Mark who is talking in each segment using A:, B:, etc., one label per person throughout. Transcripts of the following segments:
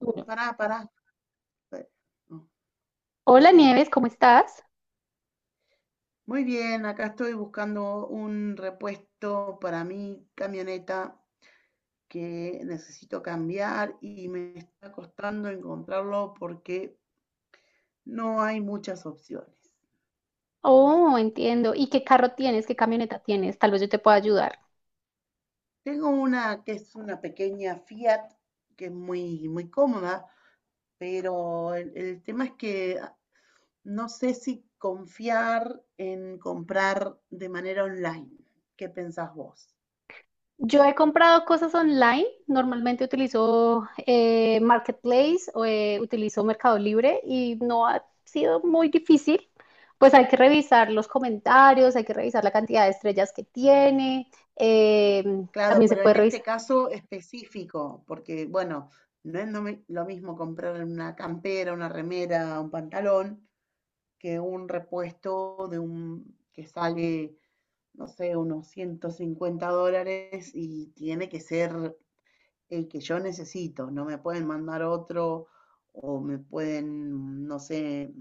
A: Uno.
B: Pará, pará. No.
A: Hola Nieves, ¿cómo estás?
B: Muy bien, acá estoy buscando un repuesto para mi camioneta que necesito cambiar y me está costando encontrarlo porque no hay muchas opciones.
A: Oh, entiendo. ¿Y qué carro tienes? ¿Qué camioneta tienes? Tal vez yo te pueda ayudar.
B: Tengo una que es una pequeña Fiat que es muy, muy cómoda, pero el tema es que no sé si confiar en comprar de manera online. ¿Qué pensás vos?
A: Yo he comprado cosas online. Normalmente utilizo Marketplace o utilizo Mercado Libre y no ha sido muy difícil. Pues hay que revisar los comentarios, hay que revisar la cantidad de estrellas que tiene. eh,
B: Claro,
A: también se
B: pero
A: puede
B: en este
A: revisar
B: caso específico, porque bueno, no es lo mismo comprar una campera, una remera, un pantalón, que un repuesto de un que sale, no sé, unos $150 y tiene que ser el que yo necesito. No me pueden mandar otro o me pueden, no sé,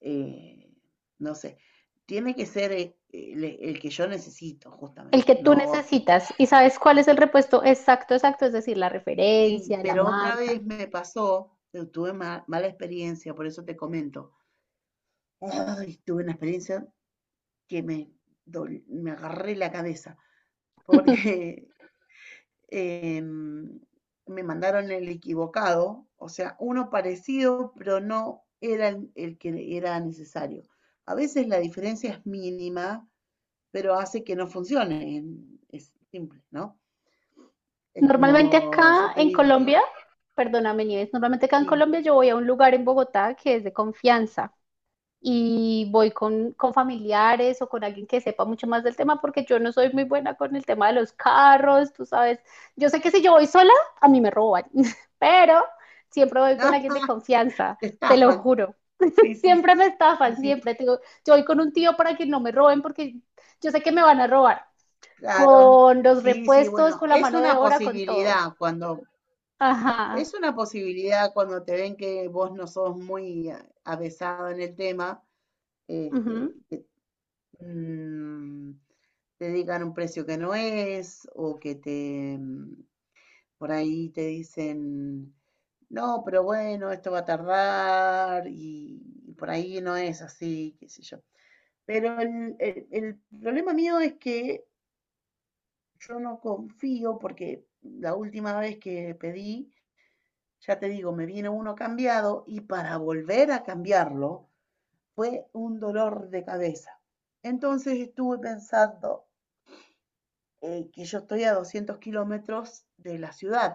B: eh, no sé. Tiene que ser el que yo necesito,
A: el que
B: justamente,
A: tú
B: no otro.
A: necesitas y sabes cuál es el repuesto exacto, exacto, es decir, la
B: Sí,
A: referencia, la
B: pero otra
A: marca.
B: vez me pasó, tuve mala experiencia, por eso te comento. Ay, tuve una experiencia que me, me agarré la cabeza, porque em, me mandaron el equivocado, o sea, uno parecido, pero no era el que era necesario. A veces la diferencia es mínima, pero hace que no funcione. Es simple, ¿no? Es
A: Normalmente
B: como yo
A: acá
B: te
A: en
B: digo, tengo-
A: Colombia, perdóname, Nieves, normalmente acá en
B: sí,
A: Colombia yo voy a un lugar en Bogotá que es de confianza y voy con familiares o con alguien que sepa mucho más del tema porque yo no soy muy buena con el tema de los carros, tú sabes. Yo sé que si yo voy sola, a mí me roban, pero siempre voy con
B: no,
A: alguien de confianza,
B: te
A: te lo
B: estafan.
A: juro.
B: Sí, sí,
A: Siempre
B: sí,
A: me
B: sí,
A: estafan,
B: sí,
A: siempre, te digo, yo voy con un tío para que no me roben porque yo sé que me van a robar.
B: claro.
A: Con los
B: Sí, sí,
A: repuestos,
B: bueno,
A: con la mano de obra, con todo. Ajá.
B: es una posibilidad cuando te ven que vos no sos muy avesado en el tema, este,
A: Ujú.
B: que mm, te digan un precio que no es, o que te, por ahí te dicen, no, pero bueno, esto va a tardar, y por ahí no es así, qué sé yo. Pero el problema mío es que yo no confío porque la última vez que pedí, ya te digo, me viene uno cambiado y para volver a cambiarlo fue un dolor de cabeza. Entonces estuve pensando que yo estoy a 200 kilómetros de la ciudad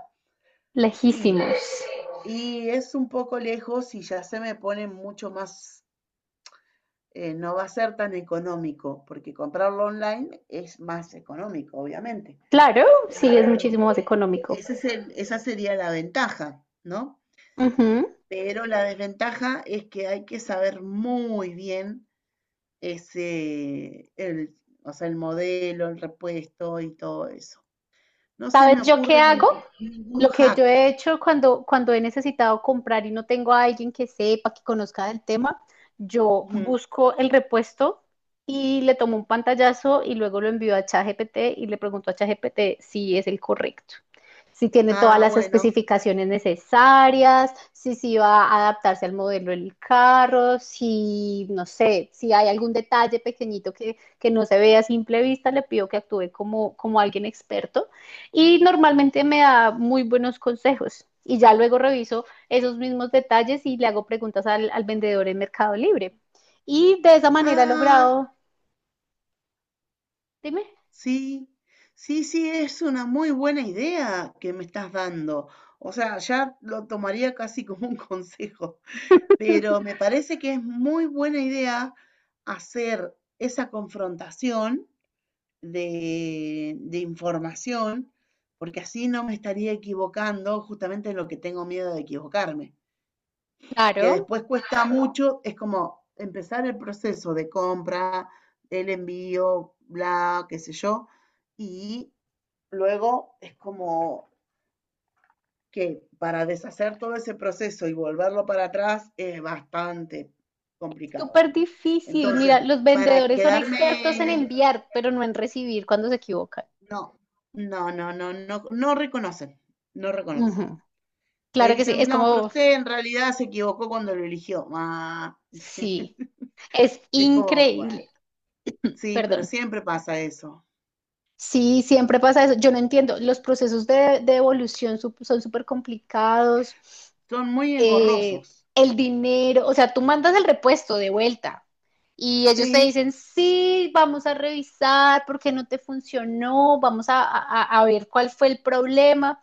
B: y,
A: Lejísimos.
B: y es un poco lejos y ya se me pone mucho más, no va a ser tan económico porque comprarlo online es más económico, obviamente.
A: Claro, sí, es muchísimo más económico.
B: Esa sería la ventaja, ¿no?
A: Ujú.
B: Pero la desventaja es que hay que saber muy bien el, o sea, el modelo, el repuesto y todo eso. No se
A: ¿Sabes
B: me
A: yo qué
B: ocurre
A: hago?
B: ningún
A: Lo que yo
B: hack.
A: he hecho cuando he necesitado comprar y no tengo a alguien que sepa, que conozca del tema, yo
B: Ujú.
A: busco el repuesto y le tomo un pantallazo y luego lo envío a ChatGPT y le pregunto a ChatGPT si es el correcto, si tiene todas
B: Ah,
A: las
B: bueno.
A: especificaciones necesarias, si sí va a adaptarse al modelo del carro, si, no sé, si hay algún detalle pequeñito que no se vea a simple vista, le pido que actúe como alguien experto y normalmente me da muy buenos consejos y ya luego reviso esos mismos detalles y le hago preguntas al vendedor en Mercado Libre. Y de esa manera he
B: Ah,
A: logrado, dime,
B: sí. Sí, sí, es una muy buena idea que me estás dando. O sea, ya lo tomaría casi como un consejo, pero me parece que es muy buena idea hacer esa confrontación de información, porque así no me estaría equivocando justamente en lo que tengo miedo de equivocarme, que
A: claro,
B: después cuesta mucho, es como empezar el proceso de compra, el envío, bla, qué sé yo, y luego es como que para deshacer todo ese proceso y volverlo para atrás es bastante complicado.
A: súper difícil.
B: Entonces,
A: Mira, los
B: para
A: vendedores son expertos en
B: quedarme
A: enviar, pero no en recibir cuando se equivocan.
B: no, no, no, no, no, no reconocen, no reconocen.
A: Ujú.
B: Te
A: Claro que sí,
B: dicen,
A: es
B: no, pero
A: como,
B: usted en realidad se equivocó cuando lo eligió. Ah,
A: sí, es
B: es como, bueno,
A: increíble,
B: sí, pero
A: perdón.
B: siempre pasa eso.
A: Sí, siempre pasa eso. Yo no entiendo, los procesos de devolución son súper complicados.
B: Son muy
A: eh,
B: engorrosos.
A: el dinero, o sea, tú mandas el repuesto de vuelta y ellos te
B: Sí,
A: dicen, sí, vamos a revisar porque no te funcionó, vamos a ver cuál fue el problema.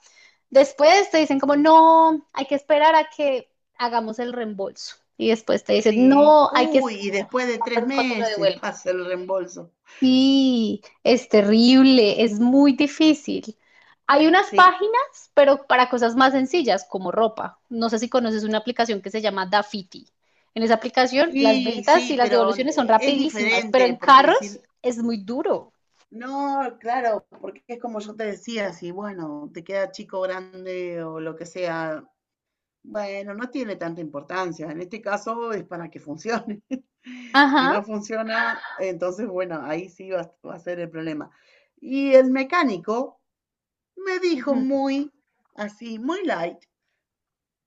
A: Después te dicen como, no, hay que esperar a que hagamos el reembolso. Y después te dicen,
B: sí.
A: no, hay que
B: Uy,
A: esperar
B: y después de
A: a
B: tres
A: que lo
B: meses
A: devuelvan.
B: pasa el reembolso.
A: Sí, es terrible, es muy difícil. Hay unas
B: Sí,
A: páginas, pero para cosas más sencillas, como ropa. No sé si conoces una aplicación que se llama Dafiti. En esa aplicación, las
B: sí,
A: ventas y
B: sí,
A: las
B: pero
A: devoluciones son
B: es
A: rapidísimas, pero
B: diferente
A: en
B: porque
A: carros
B: decir,
A: es muy duro.
B: no, claro, porque es como yo te decía, si bueno, te queda chico, grande o lo que sea, bueno, no tiene tanta importancia. En este caso es para que funcione. Si no
A: Ajá.
B: funciona, entonces, bueno, ahí sí va a ser el problema. Y el mecánico me dijo
A: Ujú.
B: muy así, muy light,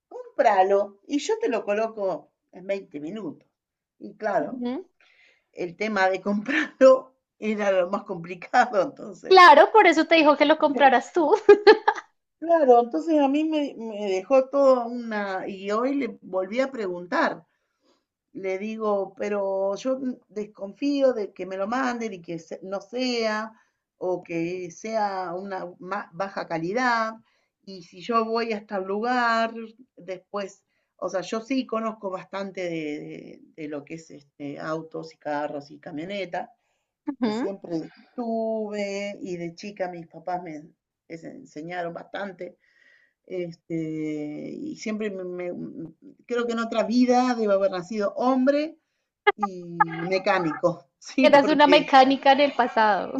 B: cómpralo y yo te lo coloco en 20 minutos. Y claro,
A: Ujú.
B: el tema de comprarlo era lo más complicado, entonces.
A: Claro, por eso te dijo que lo compraras tú.
B: Claro, entonces a mí me dejó toda una... Y hoy le volví a preguntar. Le digo, pero yo desconfío de que me lo manden y que no sea, o que sea una baja calidad. Y si yo voy hasta el lugar, después, o sea, yo sí conozco bastante de, de lo que es este, autos y carros y camionetas, que
A: Ujú.
B: siempre tuve y de chica mis papás me enseñaron bastante. Este, y siempre creo que en otra vida debo haber nacido hombre y mecánico, sí,
A: Eras una
B: porque
A: mecánica en el pasado.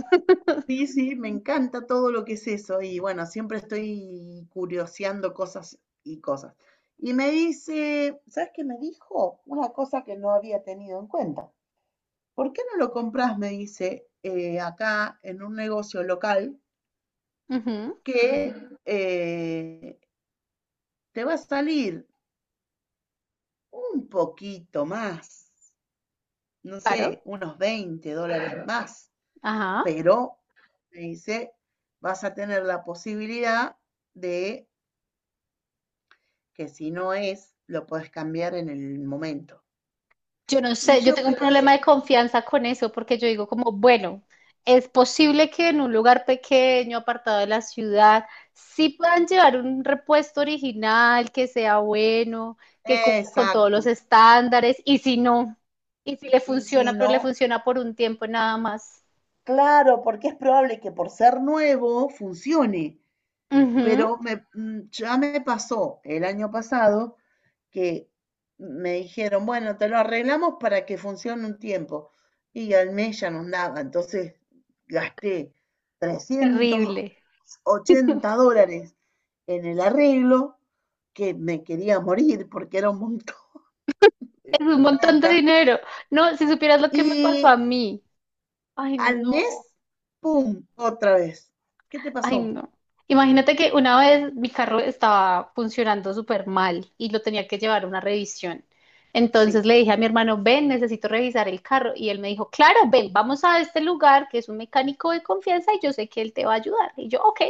B: sí, sí, me encanta todo lo que es eso y bueno, siempre estoy curioseando cosas y cosas. Y me dice, ¿sabes qué me dijo? Una cosa que no había tenido en cuenta. ¿Por qué no lo compras? Me dice, acá en un negocio local
A: Ujú.
B: que eh, te va a salir un poquito más, no
A: Claro.
B: sé, unos $20 más,
A: Ajá.
B: pero me dice, vas a tener la posibilidad de que si no es, lo puedes cambiar en el momento.
A: Yo no
B: Y
A: sé, yo
B: yo
A: tengo un problema de
B: pensé,
A: confianza con eso porque yo digo como, bueno, es posible que en un lugar pequeño, apartado de la ciudad, sí puedan llevar un repuesto original, que sea bueno, que cumpla con todos los
B: exacto.
A: estándares, y si no, y si le
B: Y si
A: funciona, pero le
B: no,
A: funciona por un tiempo nada más.
B: claro, porque es probable que por ser nuevo funcione,
A: Ujú.
B: pero ya me pasó el año pasado que me dijeron, bueno, te lo arreglamos para que funcione un tiempo. Y al mes ya no andaba, entonces gasté trescientos
A: Terrible.
B: dollars en el arreglo, que me quería morir porque era un montón
A: Es un
B: de
A: montón de
B: plata.
A: dinero. No, si supieras lo que me pasó
B: Y
A: a mí. Ay,
B: al
A: no.
B: mes, ¡pum! Otra vez. ¿Qué te
A: Ay,
B: pasó?
A: no. Imagínate que una vez mi carro estaba funcionando súper mal y lo tenía que llevar a una revisión.
B: Sí,
A: Entonces le dije a mi hermano, ven, necesito revisar el carro. Y él me dijo, claro, ven, vamos a este lugar que es un mecánico de confianza y yo sé que él te va a ayudar. Y yo, ok,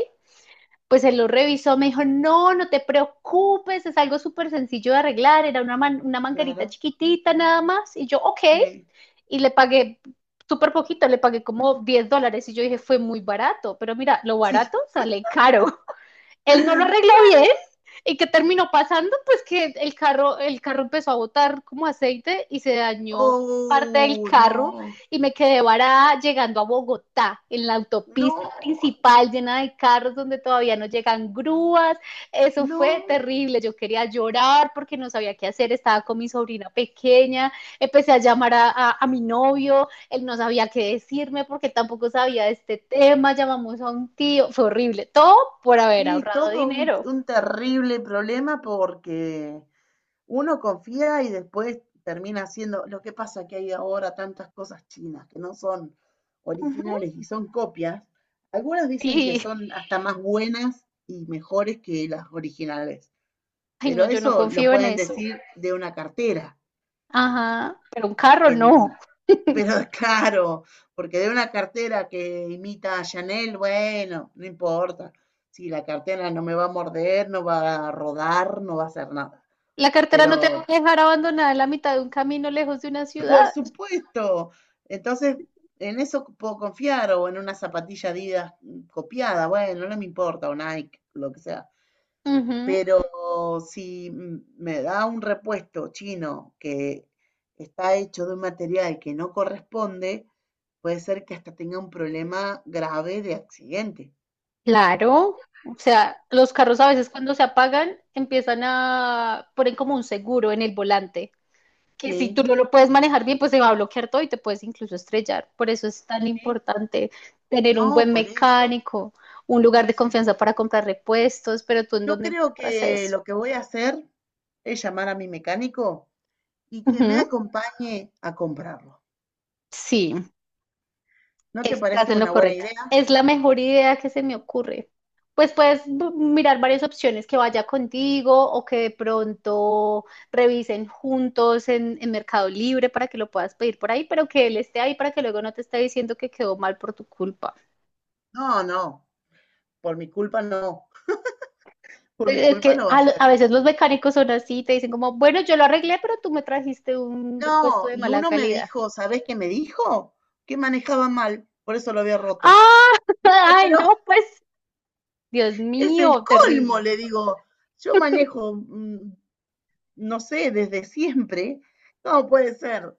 A: pues él lo revisó, me dijo, no, no te preocupes, es algo súper sencillo de arreglar, era una manguerita
B: claro.
A: chiquitita nada más, y yo, ok,
B: Sí,
A: y le pagué súper poquito, le pagué como $10, y yo dije, fue muy barato, pero mira, lo
B: sí.
A: barato sale caro, él no lo arregló
B: Claro.
A: bien, y qué terminó pasando, pues que el carro empezó a botar como aceite y se dañó parte del
B: Oh,
A: carro
B: no,
A: y me quedé varada llegando a Bogotá, en la autopista
B: no,
A: principal llena de carros donde todavía no llegan grúas. Eso fue
B: no.
A: terrible, yo quería llorar porque no sabía qué hacer, estaba con mi sobrina pequeña, empecé a llamar a mi novio, él no sabía qué decirme porque tampoco sabía de este tema, llamamos a un tío, fue horrible, todo por haber
B: Sí,
A: ahorrado
B: todo
A: dinero.
B: un terrible problema porque uno confía y después termina haciendo. Lo que pasa que hay ahora tantas cosas chinas que no son
A: Ujú.
B: originales y son copias. Algunas dicen que
A: Y,
B: son hasta más buenas y mejores que las originales.
A: ay, no,
B: Pero
A: yo no
B: eso lo
A: confío en
B: pueden
A: eso.
B: decir de una cartera.
A: Ajá, pero un carro
B: que n-
A: no.
B: pero claro, porque de una cartera que imita a Chanel, bueno, no importa. Si la cartera no me va a morder, no va a rodar, no va a hacer nada.
A: La cartera
B: Pero
A: no te va a dejar abandonada en la mitad de un camino lejos de una
B: por
A: ciudad.
B: supuesto. Entonces, en eso puedo confiar o en una zapatilla Adidas copiada, bueno, no me importa, o Nike, lo que sea.
A: Ujú.
B: Pero si me da un repuesto chino que está hecho de un material que no corresponde, puede ser que hasta tenga un problema grave de accidente.
A: Claro. O sea, los carros a veces cuando se apagan empiezan a poner como un seguro en el volante, que si
B: Sí,
A: tú no lo puedes manejar bien, pues se va a bloquear todo y te puedes incluso estrellar. Por eso es tan
B: sí.
A: importante tener un
B: No,
A: buen
B: por eso.
A: mecánico, un lugar
B: Sí,
A: de
B: sí,
A: confianza
B: sí,
A: para
B: sí.
A: comprar repuestos, pero tú ¿en
B: Yo
A: dónde
B: creo
A: encuentras
B: que
A: eso?
B: lo que voy a hacer es llamar a mi mecánico y que me
A: Ujú.
B: acompañe a comprarlo.
A: Sí,
B: ¿No te
A: estás
B: parece
A: en lo
B: una buena
A: correcto.
B: idea?
A: Es la mejor idea que se me ocurre. Pues puedes mirar varias opciones que vaya contigo o que de pronto revisen juntos en Mercado Libre para que lo puedas pedir por ahí, pero que él esté ahí para que luego no te esté diciendo que quedó mal por tu culpa.
B: No, no, por mi culpa no, por mi
A: Es
B: culpa
A: que
B: no va
A: a,
B: a ser.
A: a veces los mecánicos son así, te dicen como, bueno, yo lo arreglé, pero tú me trajiste un repuesto
B: No,
A: de
B: y
A: mala
B: uno me
A: calidad.
B: dijo, ¿sabés qué me dijo? Que manejaba mal, por eso lo había roto.
A: ¡Ah!
B: Digo,
A: ¡Ay,
B: pero
A: no! Pues, Dios
B: es el
A: mío,
B: colmo,
A: terrible.
B: le digo. Yo manejo, no sé, desde siempre. No puede ser.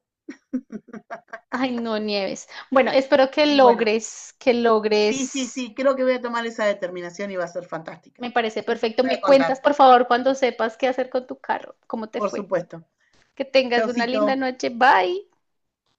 A: Ay, no, Nieves. Bueno, espero que
B: Y bueno,
A: logres, que
B: sí, sí,
A: logres.
B: sí, creo que voy a tomar esa determinación y va a ser fantástica.
A: Me parece
B: Después te
A: perfecto.
B: voy a
A: Me cuentas,
B: contar,
A: por favor, cuando sepas qué hacer con tu carro, cómo te
B: por
A: fue.
B: supuesto.
A: Que tengas una linda
B: Chaucito.
A: noche. Bye.